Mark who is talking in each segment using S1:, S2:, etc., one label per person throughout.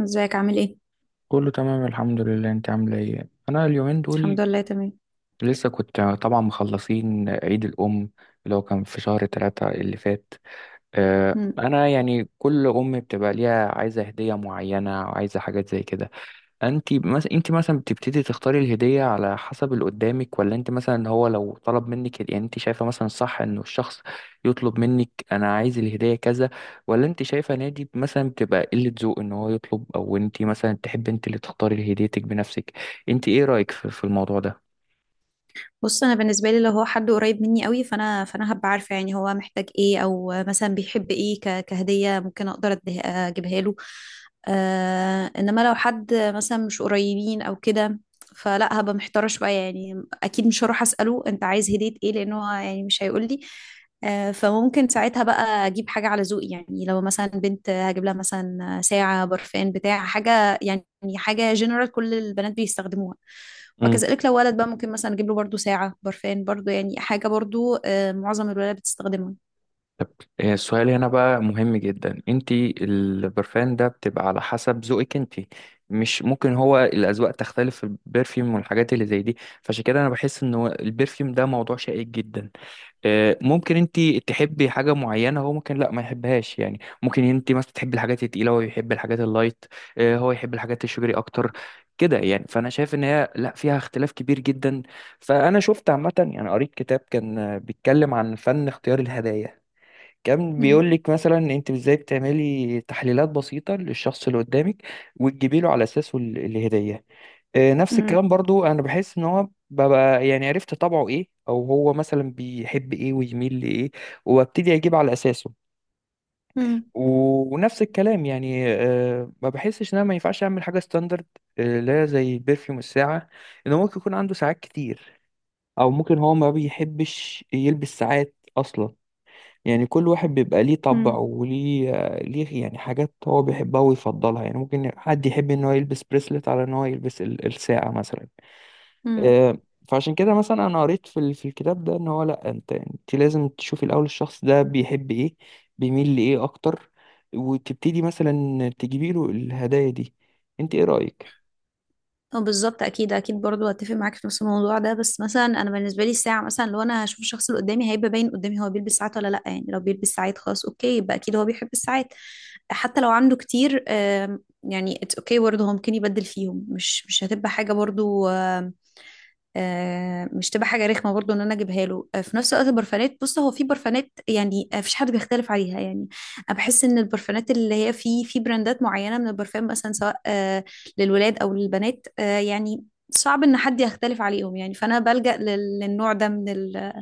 S1: ازيك؟ عامل ايه؟
S2: كله تمام الحمد لله، انت عامله ايه؟ انا اليومين
S1: الحمد
S2: دول
S1: لله، تمام.
S2: لسه كنت طبعا مخلصين عيد الام اللي هو كان في شهر 3 اللي فات.
S1: مم.
S2: انا يعني كل ام بتبقى ليها عايزه هديه معينه وعايزه حاجات زي كده. انت مثلا بتبتدي تختاري الهديه على حسب اللي قدامك، ولا انت مثلا هو لو طلب منك يعني انت شايفه مثلا صح انه الشخص يطلب منك انا عايز الهديه كذا، ولا انت شايفه نادي مثلا بتبقى قله ذوق ان هو يطلب، او انت مثلا تحب انت اللي تختاري هديتك بنفسك؟ انت ايه رايك في الموضوع ده؟
S1: بص، انا بالنسبه لي لو هو حد قريب مني قوي فانا هبقى عارفه يعني هو محتاج ايه، او مثلا بيحب ايه كهديه، ممكن اقدر اجيبها له. انما لو حد مثلا مش قريبين او كده، فلا هبقى محتاره شويه. يعني اكيد مش هروح اساله انت عايز هديه ايه، لانه هو يعني مش هيقول لي. فممكن ساعتها بقى اجيب حاجه على ذوقي. يعني لو مثلا بنت هجيب لها مثلا ساعه، برفان، بتاع حاجه يعني، حاجه جنرال كل البنات بيستخدموها. وكذلك لو ولد بقى ممكن مثلا اجيب له برضو ساعة، برفان برضو، يعني حاجة برضو، معظم الولاد بتستخدمها.
S2: طب، السؤال هنا بقى مهم جدا، انت البرفان ده بتبقى على حسب ذوقك انت. مش ممكن هو الاذواق تختلف في البرفيوم والحاجات اللي زي دي. فعشان كده انا بحس ان هو البرفيوم ده موضوع شائك جدا. ممكن انت تحبي حاجه معينه، هو ممكن لا ما يحبهاش، يعني ممكن انت مثلا تحبي الحاجات التقيله، هو يحب الحاجات اللايت. هو يحب الحاجات الشجري اكتر كده، يعني فانا شايف ان هي لا فيها اختلاف كبير جدا. فانا شفت عامه يعني قريت كتاب كان بيتكلم عن فن اختيار الهدايا. كان
S1: مم.
S2: بيقول لك مثلا انت ازاي بتعملي تحليلات بسيطه للشخص اللي قدامك وتجيبي له على اساسه الهديه. نفس
S1: مم.
S2: الكلام برضو، انا بحس ان هو ببقى يعني عرفت طبعه ايه او هو مثلا بيحب ايه ويميل لايه، وابتدي اجيب على اساسه. ونفس الكلام يعني ما بحسش ان انا ما ينفعش اعمل حاجه ستاندرد. لا زي البرفيوم الساعه، انه ممكن يكون عنده ساعات كتير، او ممكن هو ما بيحبش يلبس ساعات اصلا. يعني كل واحد بيبقى ليه طبع
S1: مم.
S2: وليه يعني حاجات هو بيحبها ويفضلها، يعني ممكن حد يحب ان هو يلبس بريسلت على ان هو يلبس الساعة مثلا.
S1: مم.
S2: آه، فعشان كده مثلا انا قريت في الكتاب ده ان هو لا، انت لازم تشوفي الاول الشخص ده بيحب ايه، بيميل لايه اكتر، وتبتدي مثلا تجيبي له الهدايا دي. انت ايه رأيك؟
S1: اه، بالظبط. اكيد اكيد، برضو هتفق معاك في نفس الموضوع ده. بس مثلا انا بالنسبه لي الساعه، مثلا لو انا هشوف الشخص اللي قدامي هيبقى باين قدامي هو بيلبس ساعات ولا لا. يعني لو بيلبس ساعات خلاص اوكي، يبقى اكيد هو بيحب الساعات. حتى لو عنده كتير، يعني اتس اوكي برضه، هو ممكن يبدل فيهم، مش هتبقى حاجه برضو، مش تبقى حاجه رخمه برضو ان انا اجيبها له. في نفس الوقت البرفانات، بص هو في برفانات يعني، مفيش حد بيختلف عليها. يعني انا بحس ان البرفانات اللي هي في براندات معينه من البرفان مثلا، سواء للولاد أو للبنات، يعني صعب إن حد يختلف عليهم. يعني فأنا بلجأ للنوع ده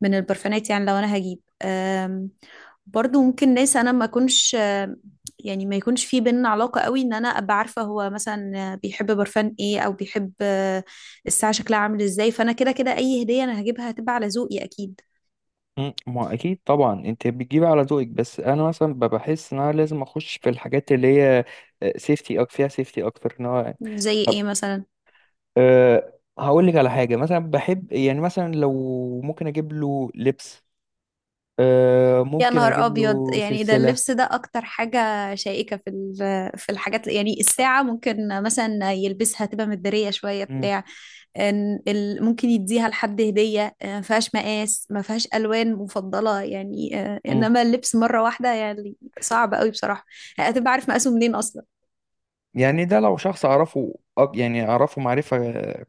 S1: من البرفانات. يعني لو أنا هجيب، برضو ممكن ناس أنا ما أكونش، يعني ما يكونش في بيننا علاقة قوي، إن أنا أبقى عارفة هو مثلا بيحب برفان إيه أو بيحب الساعة شكلها عامل إزاي. فأنا كده كده أي هدية أنا هجيبها هتبقى على ذوقي أكيد.
S2: ما اكيد طبعا انت بتجيبي على ذوقك، بس انا مثلا بحس ان انا لازم اخش في الحاجات اللي هي سيفتي، فيها سيفتي اكتر ان هو
S1: زي إيه مثلا؟
S2: أه، هقول لك على حاجة مثلا بحب، يعني مثلا لو ممكن اجيب له لبس، أه،
S1: يا
S2: ممكن
S1: نهار
S2: اجيب
S1: ابيض!
S2: له
S1: يعني ده
S2: سلسلة.
S1: اللبس ده اكتر حاجه شائكه في الحاجات. يعني الساعه ممكن مثلا يلبسها، تبقى مداريه شويه
S2: مم.
S1: بتاع. إن ممكن يديها لحد هديه، ما فيهاش مقاس، ما فيهاش الوان مفضله يعني.
S2: مم.
S1: انما اللبس مره واحده يعني، صعب قوي بصراحه. هتبقى عارف مقاسه منين اصلا؟
S2: يعني ده لو شخص أعرفه يعني أعرفه معرفة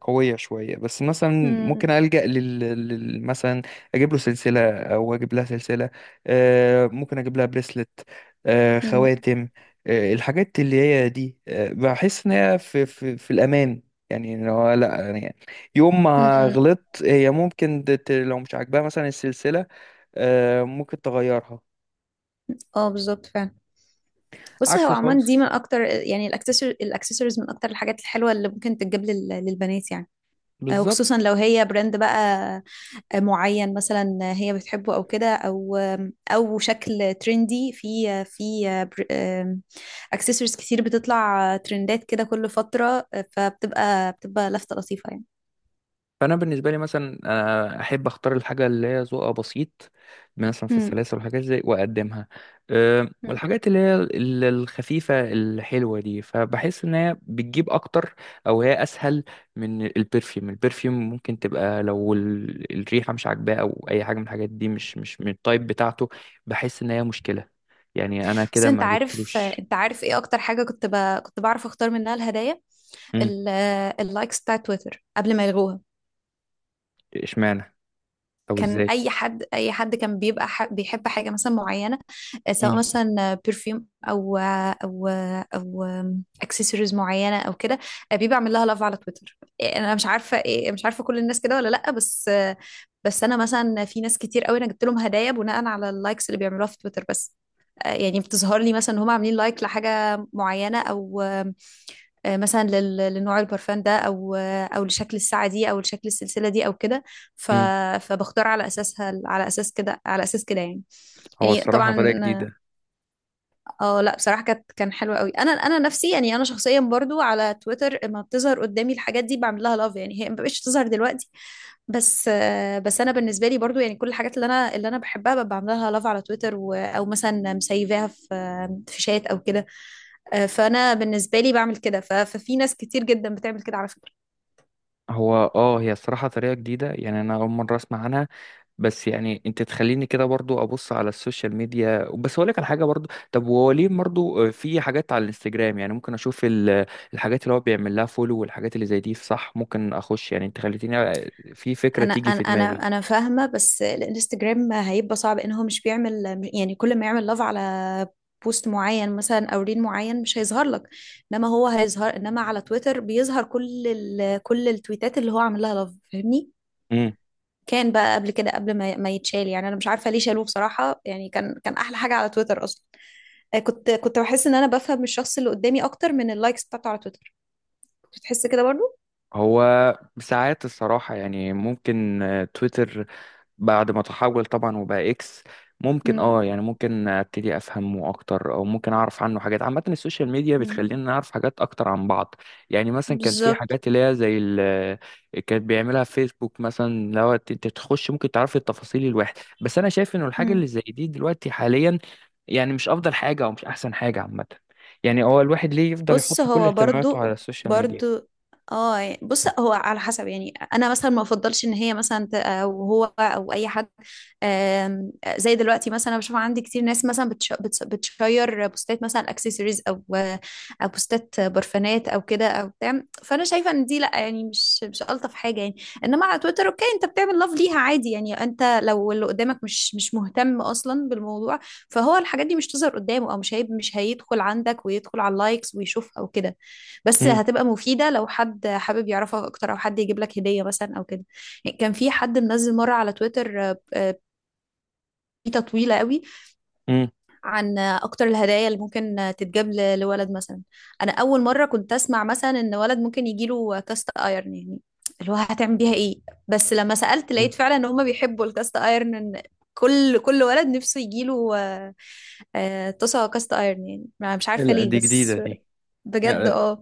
S2: قوية شوية، بس مثلا ممكن
S1: مم.
S2: ألجأ مثلا أجيب له سلسلة أو أجيب لها سلسلة. ممكن أجيب لها بريسلت،
S1: مم.
S2: خواتم، الحاجات اللي هي دي، بحس إن هي في الأمان. يعني إن هو لا، يعني يوم ما
S1: مم.
S2: غلطت هي ممكن لو مش عاجباها مثلا السلسلة، ممكن تغيرها.
S1: اه، بالظبط فعلا. بص
S2: عكس
S1: هو عمان دي من
S2: خالص،
S1: اكتر يعني، الاكسسوارز من اكتر الحاجات الحلوه اللي ممكن تتجاب للبنات يعني. وخصوصا
S2: بالظبط.
S1: لو هي براند بقى معين مثلا، هي بتحبه او كده، او او شكل ترندي في آه، في آه، بر- آم، اكسسوارز كتير بتطلع، ترندات كده كل فترة. فبتبقى لفتة لطيفة يعني.
S2: فانا بالنسبه لي مثلا احب اختار الحاجه اللي هي ذوقها بسيط، مثلا في
S1: مم.
S2: السلاسل والحاجات زي، واقدمها. أه،
S1: مم.
S2: والحاجات اللي هي الخفيفه الحلوه دي، فبحس ان هي بتجيب اكتر، او هي اسهل من البرفيوم. البرفيوم ممكن تبقى لو الريحه مش عاجباه، او اي حاجه من الحاجات دي مش من التايب بتاعته. بحس ان هي مشكله، يعني انا
S1: بس
S2: كده
S1: انت
S2: ما
S1: عارف،
S2: جبتلوش.
S1: انت عارف ايه اكتر حاجة كنت بعرف اختار منها الهدايا؟
S2: مم،
S1: اللايكس بتاع تويتر قبل ما يلغوها.
S2: اشمعنى؟ او
S1: كان
S2: ازاي؟
S1: اي حد كان بيبقى بيحب حاجه مثلا معينه، سواء
S2: مم،
S1: مثلا برفيوم او اكسسوارز معينه او كده، بيبقى عامل لها لاف على تويتر. انا مش عارفه إيه، مش عارفه كل الناس كده ولا لا، بس بس انا مثلا في ناس كتير قوي انا جبت لهم هدايا بناء على اللايكس اللي بيعملوها في تويتر بس. يعني بتظهر لي مثلا ان هم عاملين لايك لحاجه معينه، او مثلا لنوع البرفان ده، او او لشكل الساعه دي، او لشكل السلسله دي، او كده. ف-
S2: مم.
S1: فبختار على اساسها، على اساس كده، على اساس كده يعني،
S2: هو
S1: يعني
S2: الصراحه طريقه
S1: طبعا.
S2: جديده.
S1: اه لا، بصراحة كان حلو قوي. انا نفسي يعني، انا شخصيا برضو على تويتر لما بتظهر قدامي الحاجات دي بعمل لها لاف، يعني هي ما بقتش تظهر دلوقتي بس. بس انا بالنسبة لي برضو يعني كل الحاجات اللي انا بحبها ببقى بعمل لها لاف على تويتر، او مثلا مسيفاها في شات او كده. فانا بالنسبة لي بعمل كده، ففي ناس كتير جدا بتعمل كده على فكرة.
S2: هو هي الصراحة طريقة جديدة، يعني انا اول مرة اسمع عنها. بس يعني انت تخليني كده برضو ابص على السوشيال ميديا، بس اقول لك على حاجة برضو. طب هو ليه برضو في حاجات على الانستجرام، يعني ممكن اشوف الحاجات اللي هو بيعمل لها فولو والحاجات اللي زي دي، صح؟ ممكن اخش يعني. انت خليتيني في فكرة
S1: انا
S2: تيجي
S1: انا
S2: في دماغي.
S1: انا انا فاهمه، بس الانستجرام هيبقى صعب ان هو مش بيعمل. يعني كل ما يعمل لاف على بوست معين مثلا او ريل معين مش هيظهر لك، انما هو هيظهر. انما على تويتر بيظهر كل التويتات اللي هو عامل لها لاف، فاهمني؟
S2: امم
S1: كان بقى قبل كده قبل ما يتشال يعني. انا مش عارفه ليه شالوه بصراحه، يعني كان احلى حاجه على تويتر اصلا. كنت بحس ان انا بفهم الشخص اللي قدامي اكتر من اللايكس بتاعته على تويتر. كنت بتحس كده برضو؟
S2: هو ساعات الصراحة، يعني ممكن تويتر بعد ما تحول طبعا وبقى اكس، ممكن
S1: امم.
S2: يعني ممكن ابتدي افهمه اكتر، او ممكن اعرف عنه حاجات. عامه السوشيال ميديا بتخلينا نعرف حاجات اكتر عن بعض. يعني مثلا كانت في
S1: بالظبط.
S2: حاجات اللي هي زي كانت بيعملها فيسبوك، مثلا لو انت تخش ممكن تعرف التفاصيل الواحد. بس انا شايف انه الحاجه اللي زي دي دلوقتي حاليا يعني مش افضل حاجه او مش احسن حاجه عامه. يعني هو الواحد ليه يفضل يحط
S1: بص
S2: كل
S1: هو
S2: اهتماماته على
S1: برضو،
S2: السوشيال ميديا؟
S1: برضو اه، بص هو على حسب. يعني انا مثلا ما افضلش ان هي مثلا او هو او اي حد، زي دلوقتي مثلا، أنا بشوف عندي كتير ناس مثلا بتشير بوستات مثلا اكسسوارز، او بوستات برفانات، او كده او بتاع. فانا شايفه ان دي لا يعني، مش الطف حاجه يعني. انما على تويتر اوكي، انت بتعمل لاف ليها عادي يعني. انت لو اللي قدامك مش مهتم اصلا بالموضوع، فهو الحاجات دي مش تظهر قدامه، او مش هيدخل عندك ويدخل على اللايكس ويشوف او كده. بس
S2: امم
S1: هتبقى مفيدة لو حد حابب يعرفك اكتر، او حد يجيب لك هدية مثلا او كده. يعني كان في حد منزل مرة على تويتر، بيتا طويلة قوي،
S2: امم
S1: عن اكتر الهدايا اللي ممكن تتجاب لولد مثلا. انا اول مرة كنت اسمع مثلا ان ولد ممكن يجيله كاست ايرن يعني. اللي هو هتعمل بيها ايه؟ بس لما سألت لقيت فعلا ان هما بيحبوا الكاست ايرن، إن كل ولد نفسه يجيله طاسة كاست ايرن يعني. مش عارفة
S2: لا،
S1: ليه
S2: دي جديده،
S1: بس.
S2: دي
S1: بجد، اه.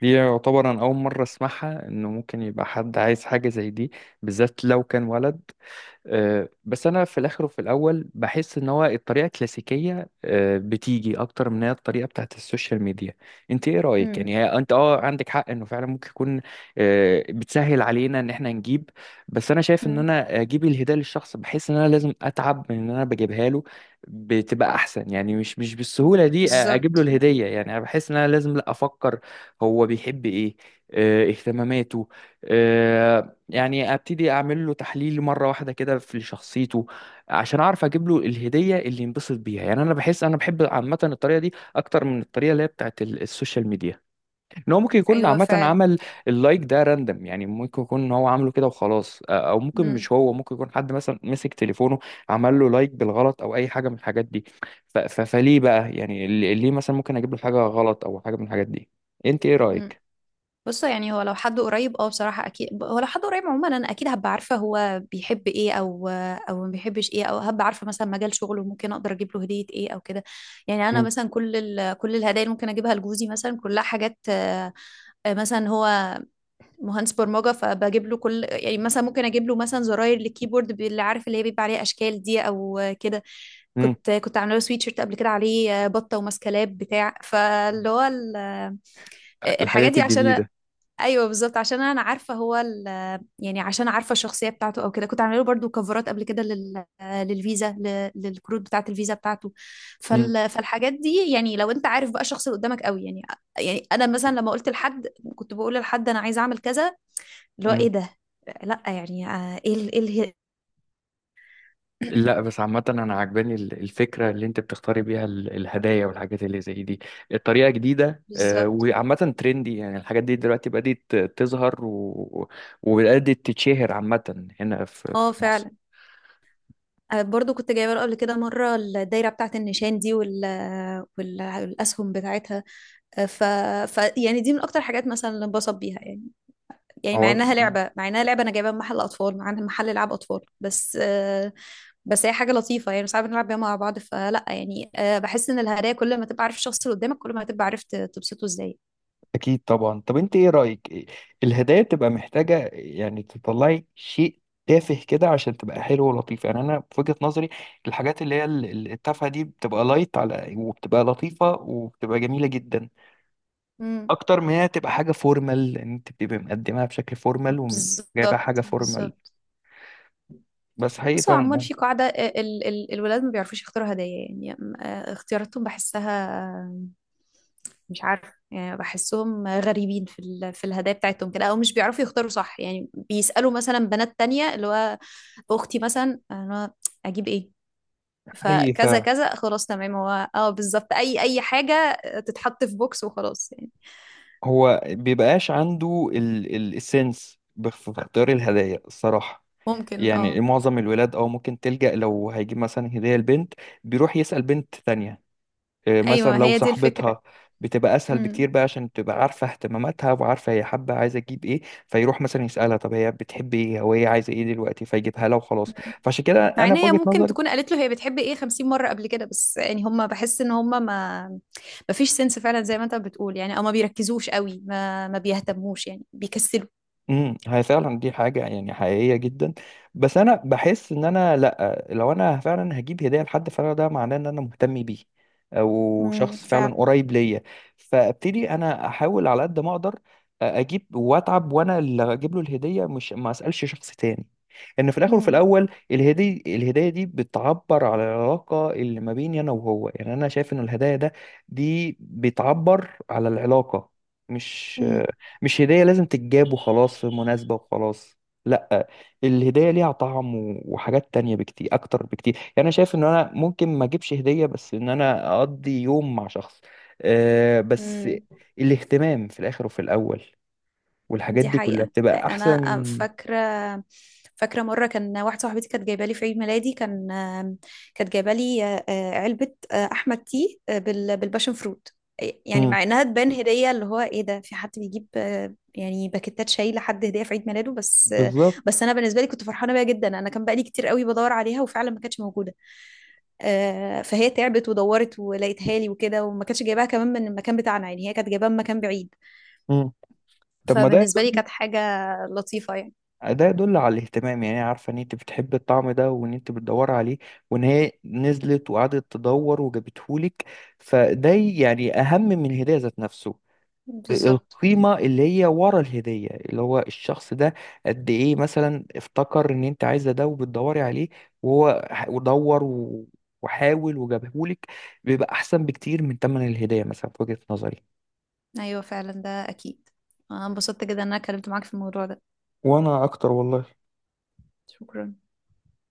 S2: دي يعتبر انا اول مره اسمعها، انه ممكن يبقى حد عايز حاجه زي دي، بالذات لو كان ولد. بس انا في الاخر وفي الاول بحس ان هو الطريقه الكلاسيكيه، بتيجي اكتر من هي الطريقه بتاعت السوشيال ميديا. انت ايه رايك؟
S1: مم،
S2: يعني هي انت عندك حق انه فعلا ممكن يكون بتسهل علينا ان احنا نجيب، بس انا شايف ان
S1: مم،
S2: انا اجيب الهديه للشخص بحس ان انا لازم اتعب من ان انا بجيبها له، بتبقى احسن. يعني مش بالسهوله دي اجيب له
S1: بالظبط.
S2: الهديه. يعني انا بحس ان انا لازم، لا، افكر هو بيحب ايه، اهتماماته، آه، يعني ابتدي اعمل له تحليل مره واحده كده في شخصيته عشان اعرف اجيب له الهديه اللي ينبسط بيها. يعني انا بحس انا بحب عامه الطريقه دي اكتر من الطريقه اللي هي بتاعت السوشيال ميديا. ان هو ممكن يكون
S1: ايوه
S2: عامه
S1: فعلا.
S2: عمل اللايك ده راندم، يعني ممكن يكون ان هو عامله كده وخلاص، او ممكن
S1: مم،
S2: مش هو، ممكن يكون حد مثلا مسك تليفونه عمل له لايك بالغلط، او اي حاجه من الحاجات دي. فليه بقى يعني ليه مثلا ممكن اجيب له حاجه غلط او حاجه من الحاجات دي؟ انت ايه
S1: مم.
S2: رايك؟
S1: بصوا. يعني هو لو حد قريب اه بصراحة، اكيد هو لو حد قريب عموما انا اكيد هبقى عارفة هو بيحب ايه، او او ما بيحبش ايه، او هبقى عارفة مثلا مجال شغله، ممكن اقدر اجيب له هدية ايه او كده. يعني انا
S2: مم.
S1: مثلا كل الهدايا اللي ممكن اجيبها لجوزي مثلا كلها حاجات، مثلا هو مهندس برمجه، فبجيب له كل، يعني مثلا ممكن اجيب له مثلا زراير للكيبورد، اللي عارف اللي هي بيبقى عليها اشكال دي او كده.
S2: مم.
S1: كنت عامله له سويتشيرت قبل كده عليه بطه وماسكلاب بتاع، فاللي هو الحاجات
S2: الحاجات
S1: دي عشان
S2: الجديده.
S1: ايوه بالظبط، عشان انا عارفه هو يعني عشان عارفه الشخصيه بتاعته او كده. كنت عامله له برضو كفرات قبل كده للفيزا، للكروت بتاعه الفيزا بتاعته.
S2: مم.
S1: فالحاجات دي يعني لو انت عارف بقى الشخص اللي قدامك قوي يعني. يعني انا مثلا لما قلت لحد، كنت بقول لحد انا عايزه اعمل كذا، اللي هو
S2: مم.
S1: ايه ده؟ لا يعني ايه ايه
S2: لا، بس عامة أنا عجباني الفكرة اللي أنت بتختاري بيها الهدايا والحاجات اللي زي دي. الطريقة جديدة،
S1: بالظبط.
S2: وعامة ترندي، يعني الحاجات دي دلوقتي بدأت تظهر وبدأت تتشهر عامة هنا في
S1: اه
S2: مصر.
S1: فعلا. برضو كنت جايبه له قبل كده مره الدايره بتاعه النشان دي، والاسهم بتاعتها. ف... ف يعني دي من اكتر حاجات مثلا اللي انبسط بيها يعني. يعني مع
S2: أو...
S1: انها لعبه مع انها لعبه انا جايبها من محل اطفال، مع انها محل العاب اطفال بس. بس هي حاجه لطيفه يعني، ساعات بنلعب بيها مع بعض. فلا يعني، بحس ان الهدايا كل ما تبقى عارف الشخص اللي قدامك كل ما هتبقى عارف تبسطه ازاي.
S2: أكيد طبعا. طب أنت إيه رأيك؟ الهدايا بتبقى محتاجة يعني تطلعي شيء تافه كده عشان تبقى حلو ولطيف؟ يعني أنا في وجهة نظري الحاجات اللي هي التافهة دي بتبقى لايت على، وبتبقى لطيفة وبتبقى جميلة جدا،
S1: امم،
S2: اكتر من هي تبقى حاجه فورمال، لان انت بتبقى مقدمها بشكل فورمال وجايبها حاجه
S1: بالظبط
S2: فورمال.
S1: بالظبط.
S2: بس حقيقي
S1: بص هو
S2: فعلا،
S1: عموما في قاعدة، ال ال الولاد ما بيعرفوش يختاروا هدايا يعني. اختياراتهم بحسها، آه، مش عارفة يعني بحسهم غريبين في الهدايا بتاعتهم كده، أو مش بيعرفوا يختاروا صح. يعني بيسألوا مثلا بنات تانية، اللي هو أختي مثلا أنا أجيب إيه؟
S2: حقيقي
S1: فكذا
S2: فعلا
S1: كذا، خلاص تمام، هو اه بالظبط، أي حاجة تتحط في بوكس وخلاص يعني.
S2: هو بيبقاش عنده ال السنس في اختيار الهدايا الصراحه.
S1: ممكن،
S2: يعني
S1: اه.
S2: معظم الولاد، او ممكن تلجأ لو هيجيب مثلا هديه لبنت، بيروح يسأل بنت تانية، مثلا
S1: أيوه،
S2: لو
S1: هي دي الفكرة.
S2: صاحبتها، بتبقى اسهل بكتير
S1: مم.
S2: بقى عشان تبقى عارفه اهتماماتها وعارفه هي حابه عايزه تجيب ايه، فيروح مثلا يسالها طب هي بتحب ايه او هي عايزه ايه دلوقتي، فيجيبها لها وخلاص.
S1: مم.
S2: فعشان كده
S1: مع
S2: انا
S1: ان
S2: في
S1: هي
S2: وجهه
S1: ممكن
S2: نظري
S1: تكون قالت له هي بتحب ايه 50 مرة قبل كده. بس يعني هم، بحس ان هم ما فيش سنس فعلا زي ما انت بتقول يعني، او ما بيركزوش قوي، ما بيهتموش يعني، بيكسلوا.
S2: هي فعلا دي حاجة يعني حقيقية جدا. بس انا بحس ان انا، لا، لو انا فعلا هجيب هدية لحد فعلا ده معناه ان انا مهتم بيه، او
S1: امم،
S2: شخص فعلا
S1: فعلا.
S2: قريب ليا، فابتدي انا احاول على قد ما اقدر اجيب واتعب، وانا اللي اجيب له الهدية، مش ما اسألش شخص تاني، ان في الاخر وفي
S1: مم.
S2: الاول الهدية دي بتعبر على العلاقة اللي ما بيني انا وهو. يعني انا شايف ان الهدايا دي بتعبر على العلاقة، مش
S1: امم.
S2: مش هدية لازم تتجاب وخلاص في مناسبة وخلاص. لا، الهدية ليها طعم وحاجات تانية بكتير أكتر بكتير، يعني أنا شايف إن أنا ممكن ما أجيبش هدية، بس إن أنا أقضي يوم مع شخص، بس
S1: مم.
S2: الاهتمام في الآخر وفي الأول والحاجات
S1: دي
S2: دي كلها
S1: حقيقة.
S2: بتبقى
S1: أنا
S2: أحسن.
S1: فاكرة مرة كان واحدة صاحبتي كانت جايبة لي في عيد ميلادي، كانت جايبة لي علبة، أحمد تي، بالباشن فروت. إيه، يعني
S2: مم.
S1: مع إنها تبان هدية، اللي هو إيه ده في حد بيجيب، يعني باكيتات شاي لحد هدية في عيد ميلاده؟ بس بس
S2: بالظبط.
S1: أنا بالنسبة لي كنت فرحانة بيها جدا، أنا كان بقالي كتير قوي بدور عليها وفعلا ما كانتش موجودة. فهي تعبت ودورت ولقيتها لي وكده، وما كانتش جايباها كمان من المكان بتاعنا، يعني هي كانت جايباها من مكان بعيد.
S2: مم. طب ما ده،
S1: فبالنسبة لي كانت حاجة لطيفة يعني.
S2: ده يدل على الاهتمام، يعني عارفة ان انت بتحب الطعم ده وان انت بتدور عليه، وان هي نزلت وقعدت تدور وجابتهولك. فده يعني اهم من الهدية ذات نفسه.
S1: بالظبط.
S2: القيمة اللي هي ورا الهدية اللي هو الشخص ده قد ايه مثلا افتكر ان انت عايزة ده وبتدوري عليه، وهو ودور وحاول وجابهولك، بيبقى احسن بكتير من تمن الهدية مثلا في وجهة نظري.
S1: أيوة فعلا، ده أكيد. أنا انبسطت جدا إن أنا اتكلمت معاك في الموضوع ده.
S2: وانا اكتر والله.
S1: شكرا.